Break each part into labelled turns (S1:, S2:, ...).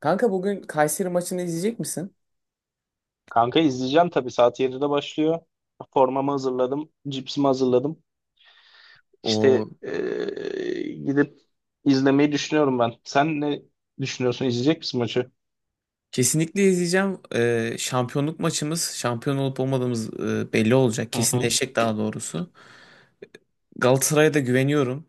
S1: Kanka bugün Kayseri maçını izleyecek misin?
S2: Kanka izleyeceğim tabii. Saat 7'de başlıyor. Formamı hazırladım. Cipsimi hazırladım.
S1: O
S2: İşte gidip izlemeyi düşünüyorum ben. Sen ne düşünüyorsun? İzleyecek misin maçı?
S1: kesinlikle izleyeceğim. Şampiyonluk maçımız, şampiyon olup olmadığımız belli olacak.
S2: Hı hı.
S1: Kesinleşecek daha doğrusu. Galatasaray'a da güveniyorum.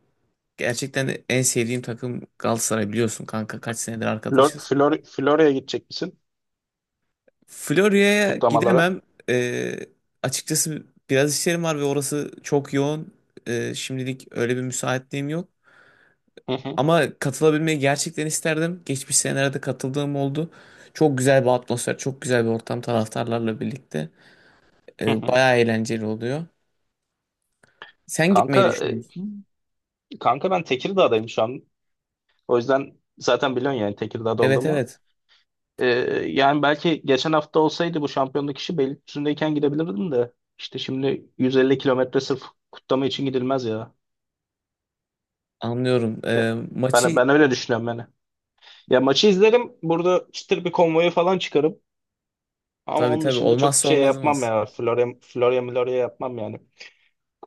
S1: Gerçekten de en sevdiğim takım Galatasaray biliyorsun kanka. Kaç senedir
S2: Flor,
S1: arkadaşız.
S2: Flor, Florya'ya gidecek misin?
S1: Florya'ya
S2: Kutlamalara.
S1: gidemem. Ee, açıkçası biraz işlerim var ve orası çok yoğun. Şimdilik öyle bir müsaitliğim yok.
S2: Hı hı.
S1: Ama katılabilmeyi gerçekten isterdim. Geçmiş senelerde katıldığım oldu. Çok güzel bir atmosfer, çok güzel bir ortam taraftarlarla birlikte.
S2: Hı hı.
S1: Bayağı eğlenceli oluyor. Sen
S2: Kanka,
S1: gitmeyi düşünüyor musun?
S2: kanka, ben Tekirdağ'dayım şu an. O yüzden zaten biliyorsun yani Tekirdağ'da
S1: Evet,
S2: olduğumu.
S1: evet,
S2: Ee, Yani belki geçen hafta olsaydı bu şampiyonluk işi Beylikdüzü'ndeyken gidebilirdim de. İşte şimdi 150 kilometre sırf kutlama için gidilmez ya.
S1: anlıyorum.
S2: Ya, ben,
S1: Maçı
S2: ben öyle düşünüyorum yani. Ya maçı izlerim. Burada çıtır bir konvoyu falan çıkarım. Ama
S1: tabii,
S2: onun
S1: tabii,
S2: dışında çok bir
S1: olmazsa
S2: şey yapmam
S1: olmazımız.
S2: ya. Florya Florya Milorya yapmam yani.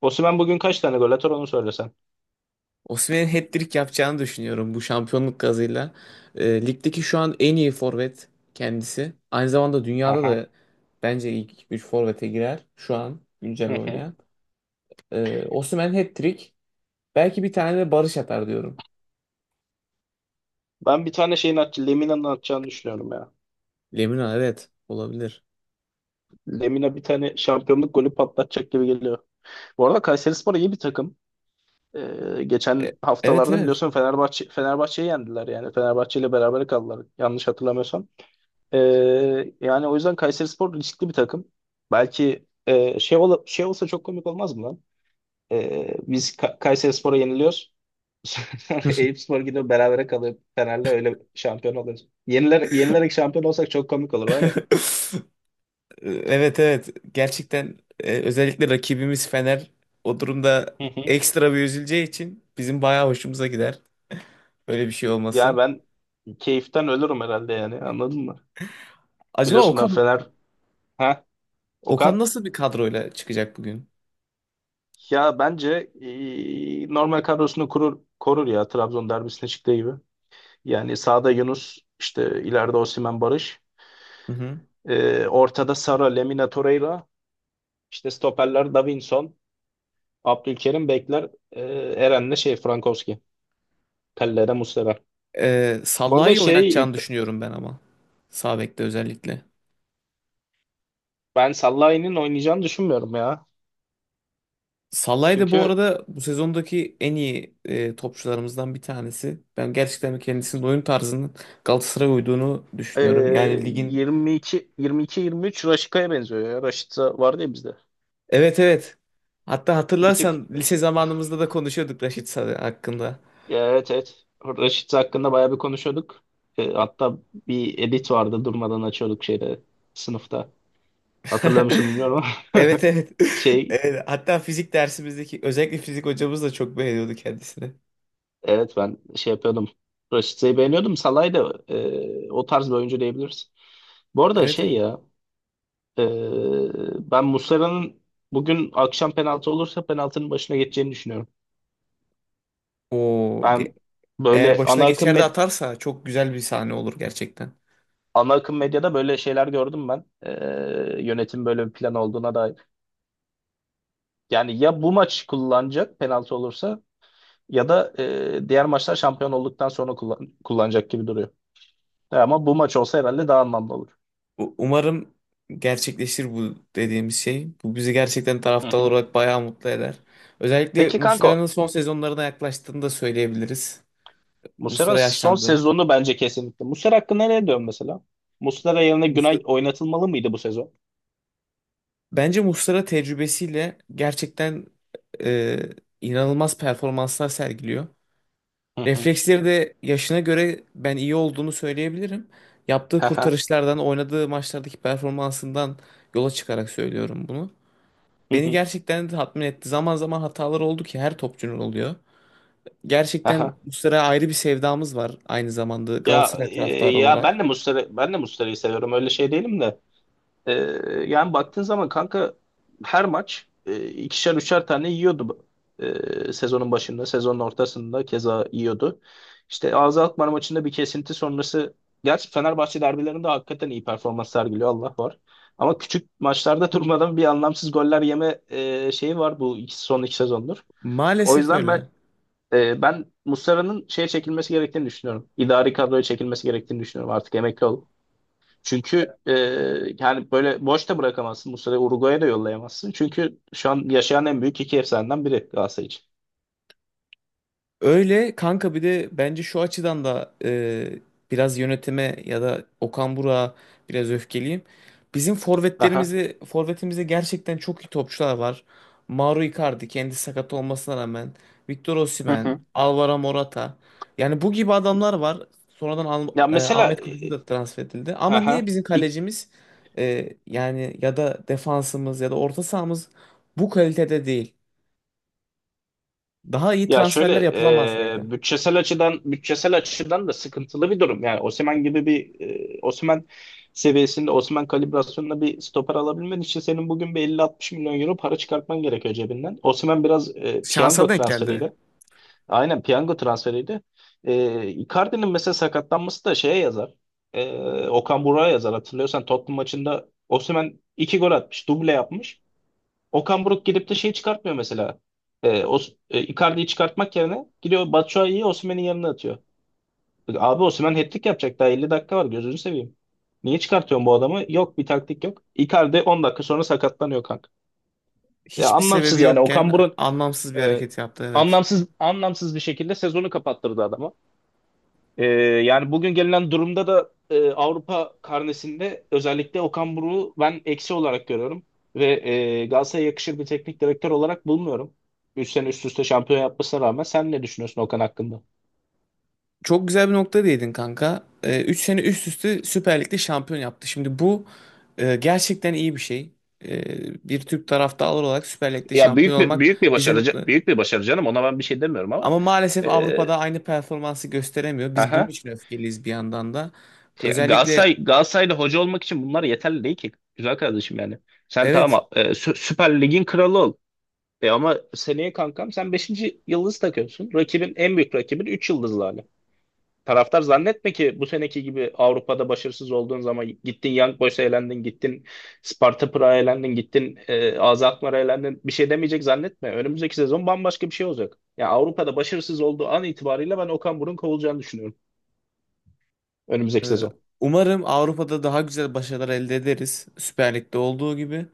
S2: Osimhen bugün kaç tane gol atar onu söylesen.
S1: Osimhen'in hat-trick yapacağını düşünüyorum bu şampiyonluk gazıyla. Ligdeki şu an en iyi forvet kendisi. Aynı zamanda dünyada
S2: Aha.
S1: da bence ilk 3 forvete girer şu an güncel
S2: Hı hı.
S1: oynayan. Osimhen hat-trick. Belki bir tane de Barış atar diyorum.
S2: Ben bir tane şeyin at Lemina'nın atacağını düşünüyorum ya.
S1: Lemina, evet, olabilir.
S2: Lemina bir tane şampiyonluk golü patlatacak gibi geliyor. Bu arada Kayserispor iyi bir takım.
S1: E,
S2: Geçen
S1: evet,
S2: haftalarda
S1: evet.
S2: biliyorsun Fenerbahçe'yi yendiler yani. Fenerbahçe ile beraber kaldılar yanlış hatırlamıyorsam. Ee, Yani o yüzden Kayserispor riskli bir takım. Belki şey olsa çok komik olmaz mı lan? Biz Kayserispor'a yeniliyoruz. Sonra Eyüpspor gidiyor berabere kalıyor Fener'le öyle şampiyon oluyoruz. Yenilerek şampiyon olsak çok komik olur var ya.
S1: Evet, evet. Gerçekten özellikle rakibimiz Fener o durumda
S2: Hı hı.
S1: ekstra bir üzüleceği için bizim bayağı hoşumuza gider. Böyle bir şey
S2: Yani
S1: olması.
S2: ben keyiften ölürüm herhalde yani anladın mı?
S1: Acaba
S2: Biliyorsun ben Fener. Ha
S1: Okan
S2: Okan?
S1: nasıl bir kadroyla çıkacak bugün?
S2: Ya bence normal kadrosunu kurur, korur ya Trabzon derbisine çıktığı gibi. Yani sağda Yunus işte ileride Osimhen Barış.
S1: Hı hı.
S2: Ortada Sara, Lemina Torreira, işte stoperler Davinson, Abdülkerim bekler, Eren'le şey Frankowski, Tellere Muslera. Bu arada
S1: Sallai'yi
S2: şey
S1: oynatacağını düşünüyorum ben ama. Sağ bekte özellikle.
S2: ben Sallai'nin oynayacağını düşünmüyorum ya.
S1: Salah'ı da bu
S2: Çünkü
S1: arada bu sezondaki en iyi topçularımızdan bir tanesi. Ben gerçekten kendisinin oyun tarzının Galatasaray'a uyduğunu
S2: e,
S1: düşünüyorum. Yani ligin...
S2: 22 22 23 Raşit'e benziyor ya. Raşit vardı ya bizde.
S1: Evet, evet. Hatta
S2: Bir tık,
S1: hatırlarsan lise zamanımızda da konuşuyorduk Raşit Salih hakkında.
S2: evet, evet. Raşit hakkında bayağı bir konuşuyorduk. Hatta bir edit vardı durmadan açıyorduk şeyde sınıfta. Hatırlıyor musun bilmiyorum ama
S1: Evet, evet.
S2: şey
S1: Evet. Hatta fizik dersimizdeki özellikle fizik hocamız da çok beğeniyordu kendisini.
S2: evet, ben şey yapıyordum. Rashica'yı beğeniyordum. Salah'ı da o tarz bir oyuncu diyebiliriz. Bu arada
S1: Evet,
S2: şey
S1: evet.
S2: ya e, ben Muslera'nın bugün akşam penaltı olursa penaltının başına geçeceğini düşünüyorum.
S1: O ge-
S2: Ben
S1: eğer
S2: böyle
S1: başına geçer de atarsa çok güzel bir sahne olur gerçekten.
S2: ana akım medyada böyle şeyler gördüm ben. Yönetim böyle bir plan olduğuna dair. Yani ya bu maç kullanacak penaltı olursa ya da diğer maçlar şampiyon olduktan sonra kullanacak gibi duruyor. Ama bu maç olsa herhalde daha anlamlı olur.
S1: Umarım gerçekleşir bu dediğimiz şey. Bu bizi gerçekten
S2: Hı
S1: taraftar
S2: hı.
S1: olarak bayağı mutlu eder. Özellikle
S2: Peki
S1: Muslera'nın
S2: kanko,
S1: son sezonlarına yaklaştığını da söyleyebiliriz.
S2: Muslera'nın
S1: Muslera
S2: son
S1: yaşlandı.
S2: sezonu bence kesinlikle. Muslera hakkında ne diyorsun mesela? Muslera yerine Günay
S1: Muslera-
S2: oynatılmalı mıydı bu sezon?
S1: Bence Muslera tecrübesiyle gerçekten e, inanılmaz performanslar sergiliyor.
S2: Hı hı.
S1: Refleksleri de yaşına göre ben iyi olduğunu söyleyebilirim. Yaptığı
S2: Haha.
S1: kurtarışlardan, oynadığı maçlardaki performansından yola çıkarak söylüyorum bunu.
S2: Hı
S1: Beni
S2: hı.
S1: gerçekten de tatmin etti. Zaman zaman hatalar oldu ki her topçunun oluyor. Gerçekten
S2: Aha.
S1: Muslera'ya ayrı bir sevdamız var aynı zamanda
S2: Ya
S1: Galatasaray
S2: e,
S1: taraftarı
S2: ya
S1: olarak.
S2: ben de Muslera'yı seviyorum. Öyle şey değilim de. Ee, Yani baktığın zaman kanka, her maç ikişer üçer tane yiyordu. Sezonun başında, sezonun ortasında keza yiyordu. İşte AZ Alkmaar maçında bir kesinti sonrası, gerçi Fenerbahçe derbilerinde hakikaten iyi performans sergiliyor Allah var. Ama küçük maçlarda durmadan bir anlamsız goller yeme şeyi var, son iki sezondur. O
S1: Maalesef
S2: yüzden ben
S1: öyle.
S2: e, ben Muslera'nın şeye çekilmesi gerektiğini düşünüyorum. İdari kadroya çekilmesi gerektiğini düşünüyorum. Artık emekli ol. Çünkü yani böyle boş da bırakamazsın. Bu sene Uruguay'a da yollayamazsın. Çünkü şu an yaşayan en büyük iki efsaneden biri Galatasaray için.
S1: Öyle kanka, bir de bence şu açıdan da biraz yönetime ya da Okan Burak'a biraz öfkeliyim. Bizim
S2: Aha.
S1: forvetlerimizi forvetimizde gerçekten çok iyi topçular var. Mauro Icardi kendi sakat olmasına rağmen, Victor
S2: Hı
S1: Osimhen,
S2: hı.
S1: Alvaro Morata. Yani bu gibi adamlar var. Sonradan
S2: Ya mesela
S1: Ahmet Kutucu da transfer edildi. Ama niye
S2: aha.
S1: bizim
S2: İlk-
S1: kalecimiz, yani ya da defansımız ya da orta sahamız bu kalitede değil? Daha iyi
S2: ya şöyle,
S1: transferler yapılamaz mıydı?
S2: bütçesel açıdan da sıkıntılı bir durum. Yani Osimhen gibi bir Osimhen seviyesinde, Osimhen kalibrasyonunda bir stoper alabilmen için senin bugün bir 50-60 milyon euro para çıkartman gerekiyor cebinden. Osimhen biraz
S1: Şansa
S2: piyango
S1: denk geldi.
S2: transferiyle. Aynen, piyango transferiydi. Icardi'nin mesela sakatlanması da şeye yazar. Okan Buruk'a yazar. Hatırlıyorsan Tottenham maçında Osimhen iki gol atmış. Duble yapmış. Okan Buruk gidip de şey çıkartmıyor mesela. Icardi'yi çıkartmak yerine gidiyor Batshuayi'yi Osimhen'in yanına atıyor. Abi Osimhen hat-trick yapacak daha 50 dakika var, gözünü seveyim. Niye çıkartıyorsun bu adamı? Yok bir taktik yok. Icardi 10 dakika sonra sakatlanıyor kanka. Ya
S1: Hiçbir sebebi
S2: anlamsız yani, Okan
S1: yokken
S2: Buruk
S1: anlamsız bir
S2: e,
S1: hareket yaptı, evet.
S2: anlamsız anlamsız bir şekilde sezonu kapattırdı adama. Ee, Yani bugün gelinen durumda da Avrupa karnesinde özellikle Okan Buruk'u ben eksi olarak görüyorum. Ve Galatasaray'a yakışır bir teknik direktör olarak bulmuyorum. 3 sene üst üste şampiyon yapmasına rağmen sen ne düşünüyorsun Okan hakkında?
S1: Çok güzel bir nokta değindin kanka. 3 sene üst üste Süper Lig'de şampiyon yaptı. Şimdi bu, gerçekten iyi bir şey. Bir Türk taraftarı olarak Süper Lig'de
S2: Ya
S1: şampiyon olmak bizi mutlu eder.
S2: büyük bir başarı canım, ona ben bir şey demiyorum ama
S1: Ama maalesef
S2: e,
S1: Avrupa'da aynı performansı gösteremiyor. Biz bunun
S2: aha.
S1: için öfkeliyiz bir yandan da.
S2: Ya
S1: Özellikle
S2: Galatasaray'da hoca olmak için bunlar yeterli değil ki güzel kardeşim yani. Sen
S1: evet,
S2: tamam, Süper Lig'in kralı ol. Ama seneye kankam sen beşinci yıldız takıyorsun. En büyük rakibin 3 yıldızlı hali. Taraftar zannetme ki bu seneki gibi Avrupa'da başarısız olduğun zaman gittin Young Boys'a elendin, gittin Sparta Prag'a elendin, gittin AZ Alkmaar'a elendin. Bir şey demeyecek zannetme. Önümüzdeki sezon bambaşka bir şey olacak. Yani Avrupa'da başarısız olduğu an itibariyle ben Okan Buruk'un kovulacağını düşünüyorum.
S1: e,
S2: Önümüzdeki sezon.
S1: umarım Avrupa'da daha güzel başarılar elde ederiz. Süper Lig'de olduğu gibi.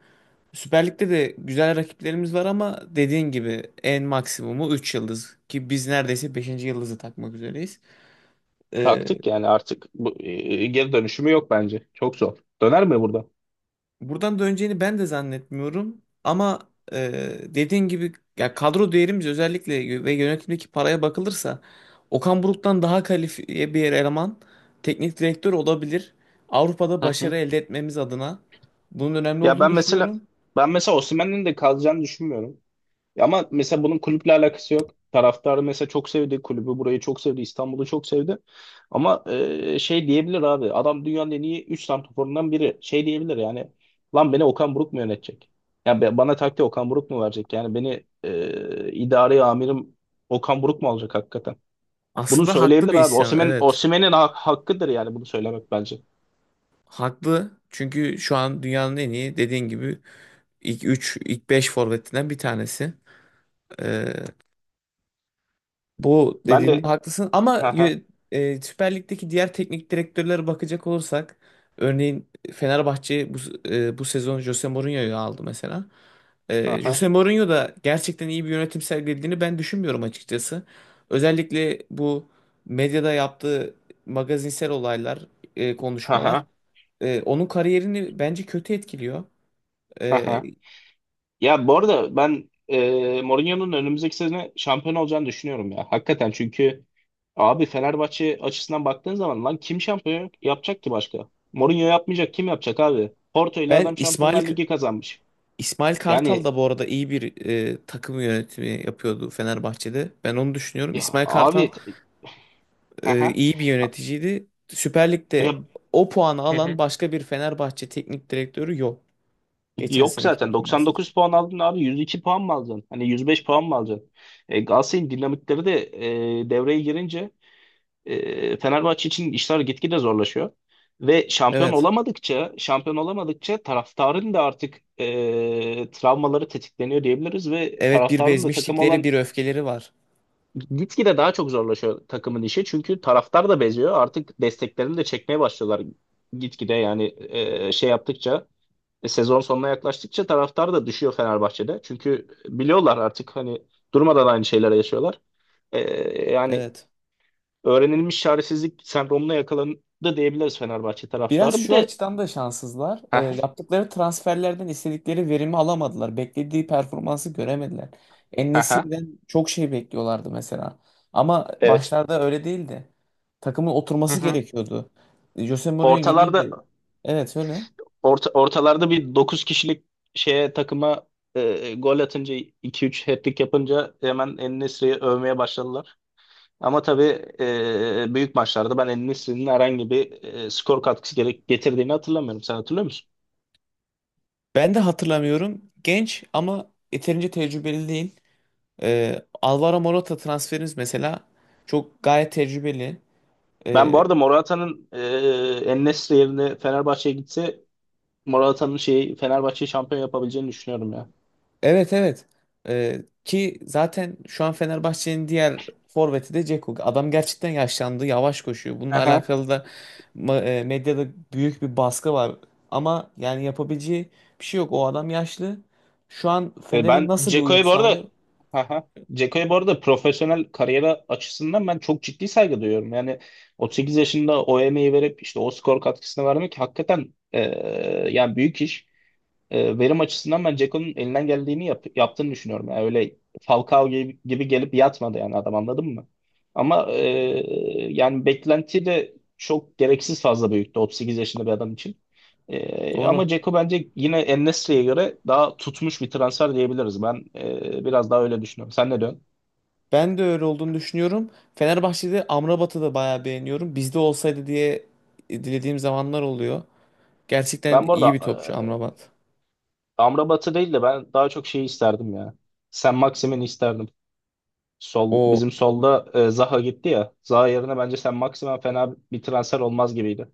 S1: Süper Lig'de de güzel rakiplerimiz var ama dediğin gibi en maksimumu 3 yıldız ki biz neredeyse beşinci yıldızı takmak üzereyiz. Ee,
S2: Taktık yani, artık bu, geri dönüşümü yok bence. Çok zor. Döner mi burada?
S1: buradan döneceğini ben de zannetmiyorum ama e, dediğin gibi ya kadro değerimiz özellikle ve yönetimdeki paraya bakılırsa Okan Buruk'tan daha kalifiye bir eleman, teknik direktör olabilir. Avrupa'da
S2: Hı
S1: başarı
S2: hı.
S1: elde etmemiz adına bunun önemli
S2: Ya
S1: olduğunu
S2: ben mesela
S1: düşünüyorum.
S2: ben mesela Osimhen'in de kalacağını düşünmüyorum. Ya ama mesela bunun kulüple alakası yok. Taraftarı mesela çok sevdi kulübü, burayı çok sevdi, İstanbul'u çok sevdi. Ama şey diyebilir abi, adam dünyanın en iyi 3 santraforundan biri. Şey diyebilir yani, lan beni Okan Buruk mu yönetecek? Yani bana taktiği Okan Buruk mu verecek? Yani beni idari amirim Okan Buruk mu alacak hakikaten? Bunu
S1: Aslında haklı
S2: söyleyebilir
S1: bir
S2: abi.
S1: isyan,
S2: Osimhen,
S1: evet.
S2: Osimhen'in ha- hakkıdır yani bunu söylemek bence.
S1: Haklı. Çünkü şu an dünyanın en iyi, dediğin gibi, İlk 3, ilk 5 forvetinden bir tanesi. Ee, bu
S2: Ben de.
S1: dediğinde haklısın ama
S2: Ha ha
S1: Süper Lig'deki diğer teknik direktörlere bakacak olursak örneğin Fenerbahçe bu sezon Jose Mourinho'yu aldı mesela.
S2: ha
S1: Jose Mourinho da gerçekten iyi bir yönetim sergilediğini ben düşünmüyorum açıkçası. Özellikle bu medyada yaptığı magazinsel olaylar, konuşmalar
S2: ha
S1: onun kariyerini bence kötü etkiliyor.
S2: ha
S1: Ee,
S2: ha. Ya bu arada ben Mourinho'nun önümüzdeki sene şampiyon olacağını düşünüyorum ya. Hakikaten, çünkü abi Fenerbahçe açısından baktığın zaman lan kim şampiyon yapacak ki başka? Mourinho yapmayacak kim yapacak abi? Porto ile
S1: ben
S2: adam
S1: İsmail
S2: Şampiyonlar Ligi kazanmış.
S1: İsmail Kartal
S2: Yani
S1: da bu arada iyi bir takım yönetimi yapıyordu Fenerbahçe'de. Ben onu düşünüyorum.
S2: ya
S1: İsmail Kartal
S2: abi haha.
S1: iyi bir yöneticiydi. Süper
S2: Ya,
S1: Lig'de o puanı
S2: hı
S1: alan
S2: hı.
S1: başka bir Fenerbahçe teknik direktörü yok. Geçen
S2: Yok
S1: seneki
S2: zaten
S1: performansı için.
S2: 99 puan aldın abi, 102 puan mı alacaksın? Hani 105 puan mı alacaksın? Galatasaray'ın dinamikleri de devreye girince Fenerbahçe için işler gitgide zorlaşıyor. Ve şampiyon
S1: Evet.
S2: olamadıkça, şampiyon olamadıkça taraftarın da artık travmaları tetikleniyor diyebiliriz ve
S1: Evet, bir
S2: taraftarın da takım
S1: bezmişlikleri,
S2: olan
S1: bir öfkeleri var.
S2: gitgide daha çok zorlaşıyor takımın işi. Çünkü taraftar da beziyor. Artık desteklerini de çekmeye başlıyorlar gitgide yani şey yaptıkça sezon sonuna yaklaştıkça taraftar da düşüyor Fenerbahçe'de. Çünkü biliyorlar artık, hani durmadan aynı şeylere yaşıyorlar. E, Yani
S1: Evet.
S2: öğrenilmiş çaresizlik sendromuna yakalandı diyebiliriz Fenerbahçe
S1: Biraz
S2: taraftarı. Bir
S1: şu
S2: de.
S1: açıdan da şanssızlar.
S2: Hı hı.
S1: Yaptıkları transferlerden istedikleri verimi alamadılar. Beklediği performansı göremediler. En
S2: Hı hı.
S1: çok şey bekliyorlardı mesela. Ama
S2: Evet.
S1: başlarda öyle değildi. Takımın
S2: Hı
S1: oturması
S2: hı.
S1: gerekiyordu. Jose Mourinho
S2: Ortalarda
S1: yeniydi. Evet, öyle.
S2: ortalarda bir 9 kişilik şeye takıma gol atınca iki üç hat-trick yapınca hemen En-Nesyri'yi övmeye başladılar. Ama tabii büyük maçlarda ben En-Nesyri'nin herhangi bir skor katkısı gerek getirdiğini hatırlamıyorum. Sen hatırlıyor musun?
S1: Ben de hatırlamıyorum. Genç ama yeterince tecrübeli değil. Alvaro Morata transferiniz mesela çok gayet tecrübeli.
S2: Ben bu
S1: Ee,
S2: arada Morata'nın En-Nesyri yerine Fenerbahçe'ye gitse Morata'nın şeyi Fenerbahçe'yi şampiyon yapabileceğini düşünüyorum ya.
S1: Evet, evet. Ki zaten şu an Fenerbahçe'nin diğer forveti de Dzeko. Adam gerçekten yaşlandı, yavaş koşuyor. Bununla
S2: Aha.
S1: alakalı da medyada büyük bir baskı var. Ama yani yapabileceği bir şey yok. O adam yaşlı. Şu an Fener'in
S2: Ben
S1: nasıl bir uyum
S2: Ceko'ya bu arada,
S1: sağlıyor?
S2: aha. Ceko'ya bu arada profesyonel kariyeri açısından ben çok ciddi saygı duyuyorum. Yani 38 yaşında o emeği verip işte o skor katkısını vermek hakikaten yani büyük iş. Verim açısından ben Ceko'nun elinden geldiğini yaptığını düşünüyorum. Yani öyle Falcao gibi gelip yatmadı yani adam anladın mı? Ama yani beklenti de çok gereksiz fazla büyüktü 38 yaşında bir adam için. E,
S1: Doğru.
S2: ama Ceko bence yine en göre daha tutmuş bir transfer diyebiliriz. Ben biraz daha öyle düşünüyorum. Sen ne diyorsun?
S1: Ben de öyle olduğunu düşünüyorum. Fenerbahçe'de Amrabat'ı da bayağı beğeniyorum. Bizde olsaydı diye dilediğim zamanlar oluyor. Gerçekten
S2: Ben bu arada
S1: iyi bir topçu
S2: e,
S1: Amrabat.
S2: Amrabat'ı değil de ben daha çok şeyi isterdim ya. Sen Maxim'ini isterdim. Sol
S1: O
S2: bizim solda Zaha gitti ya. Zaha yerine bence sen maksimum fena bir transfer olmaz gibiydi.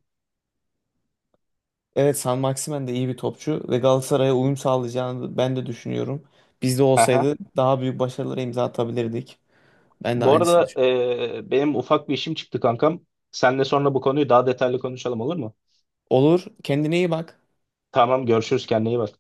S1: Evet, San Maximen de iyi bir topçu ve Galatasaray'a uyum sağlayacağını ben de düşünüyorum. Bizde
S2: Aha.
S1: olsaydı daha büyük başarılara imza atabilirdik. Ben de
S2: Bu
S1: aynısını
S2: arada
S1: düşünüyorum.
S2: benim ufak bir işim çıktı kankam. Seninle sonra bu konuyu daha detaylı konuşalım, olur mu?
S1: Olur. Kendine iyi bak.
S2: Tamam, görüşürüz, kendine iyi bak.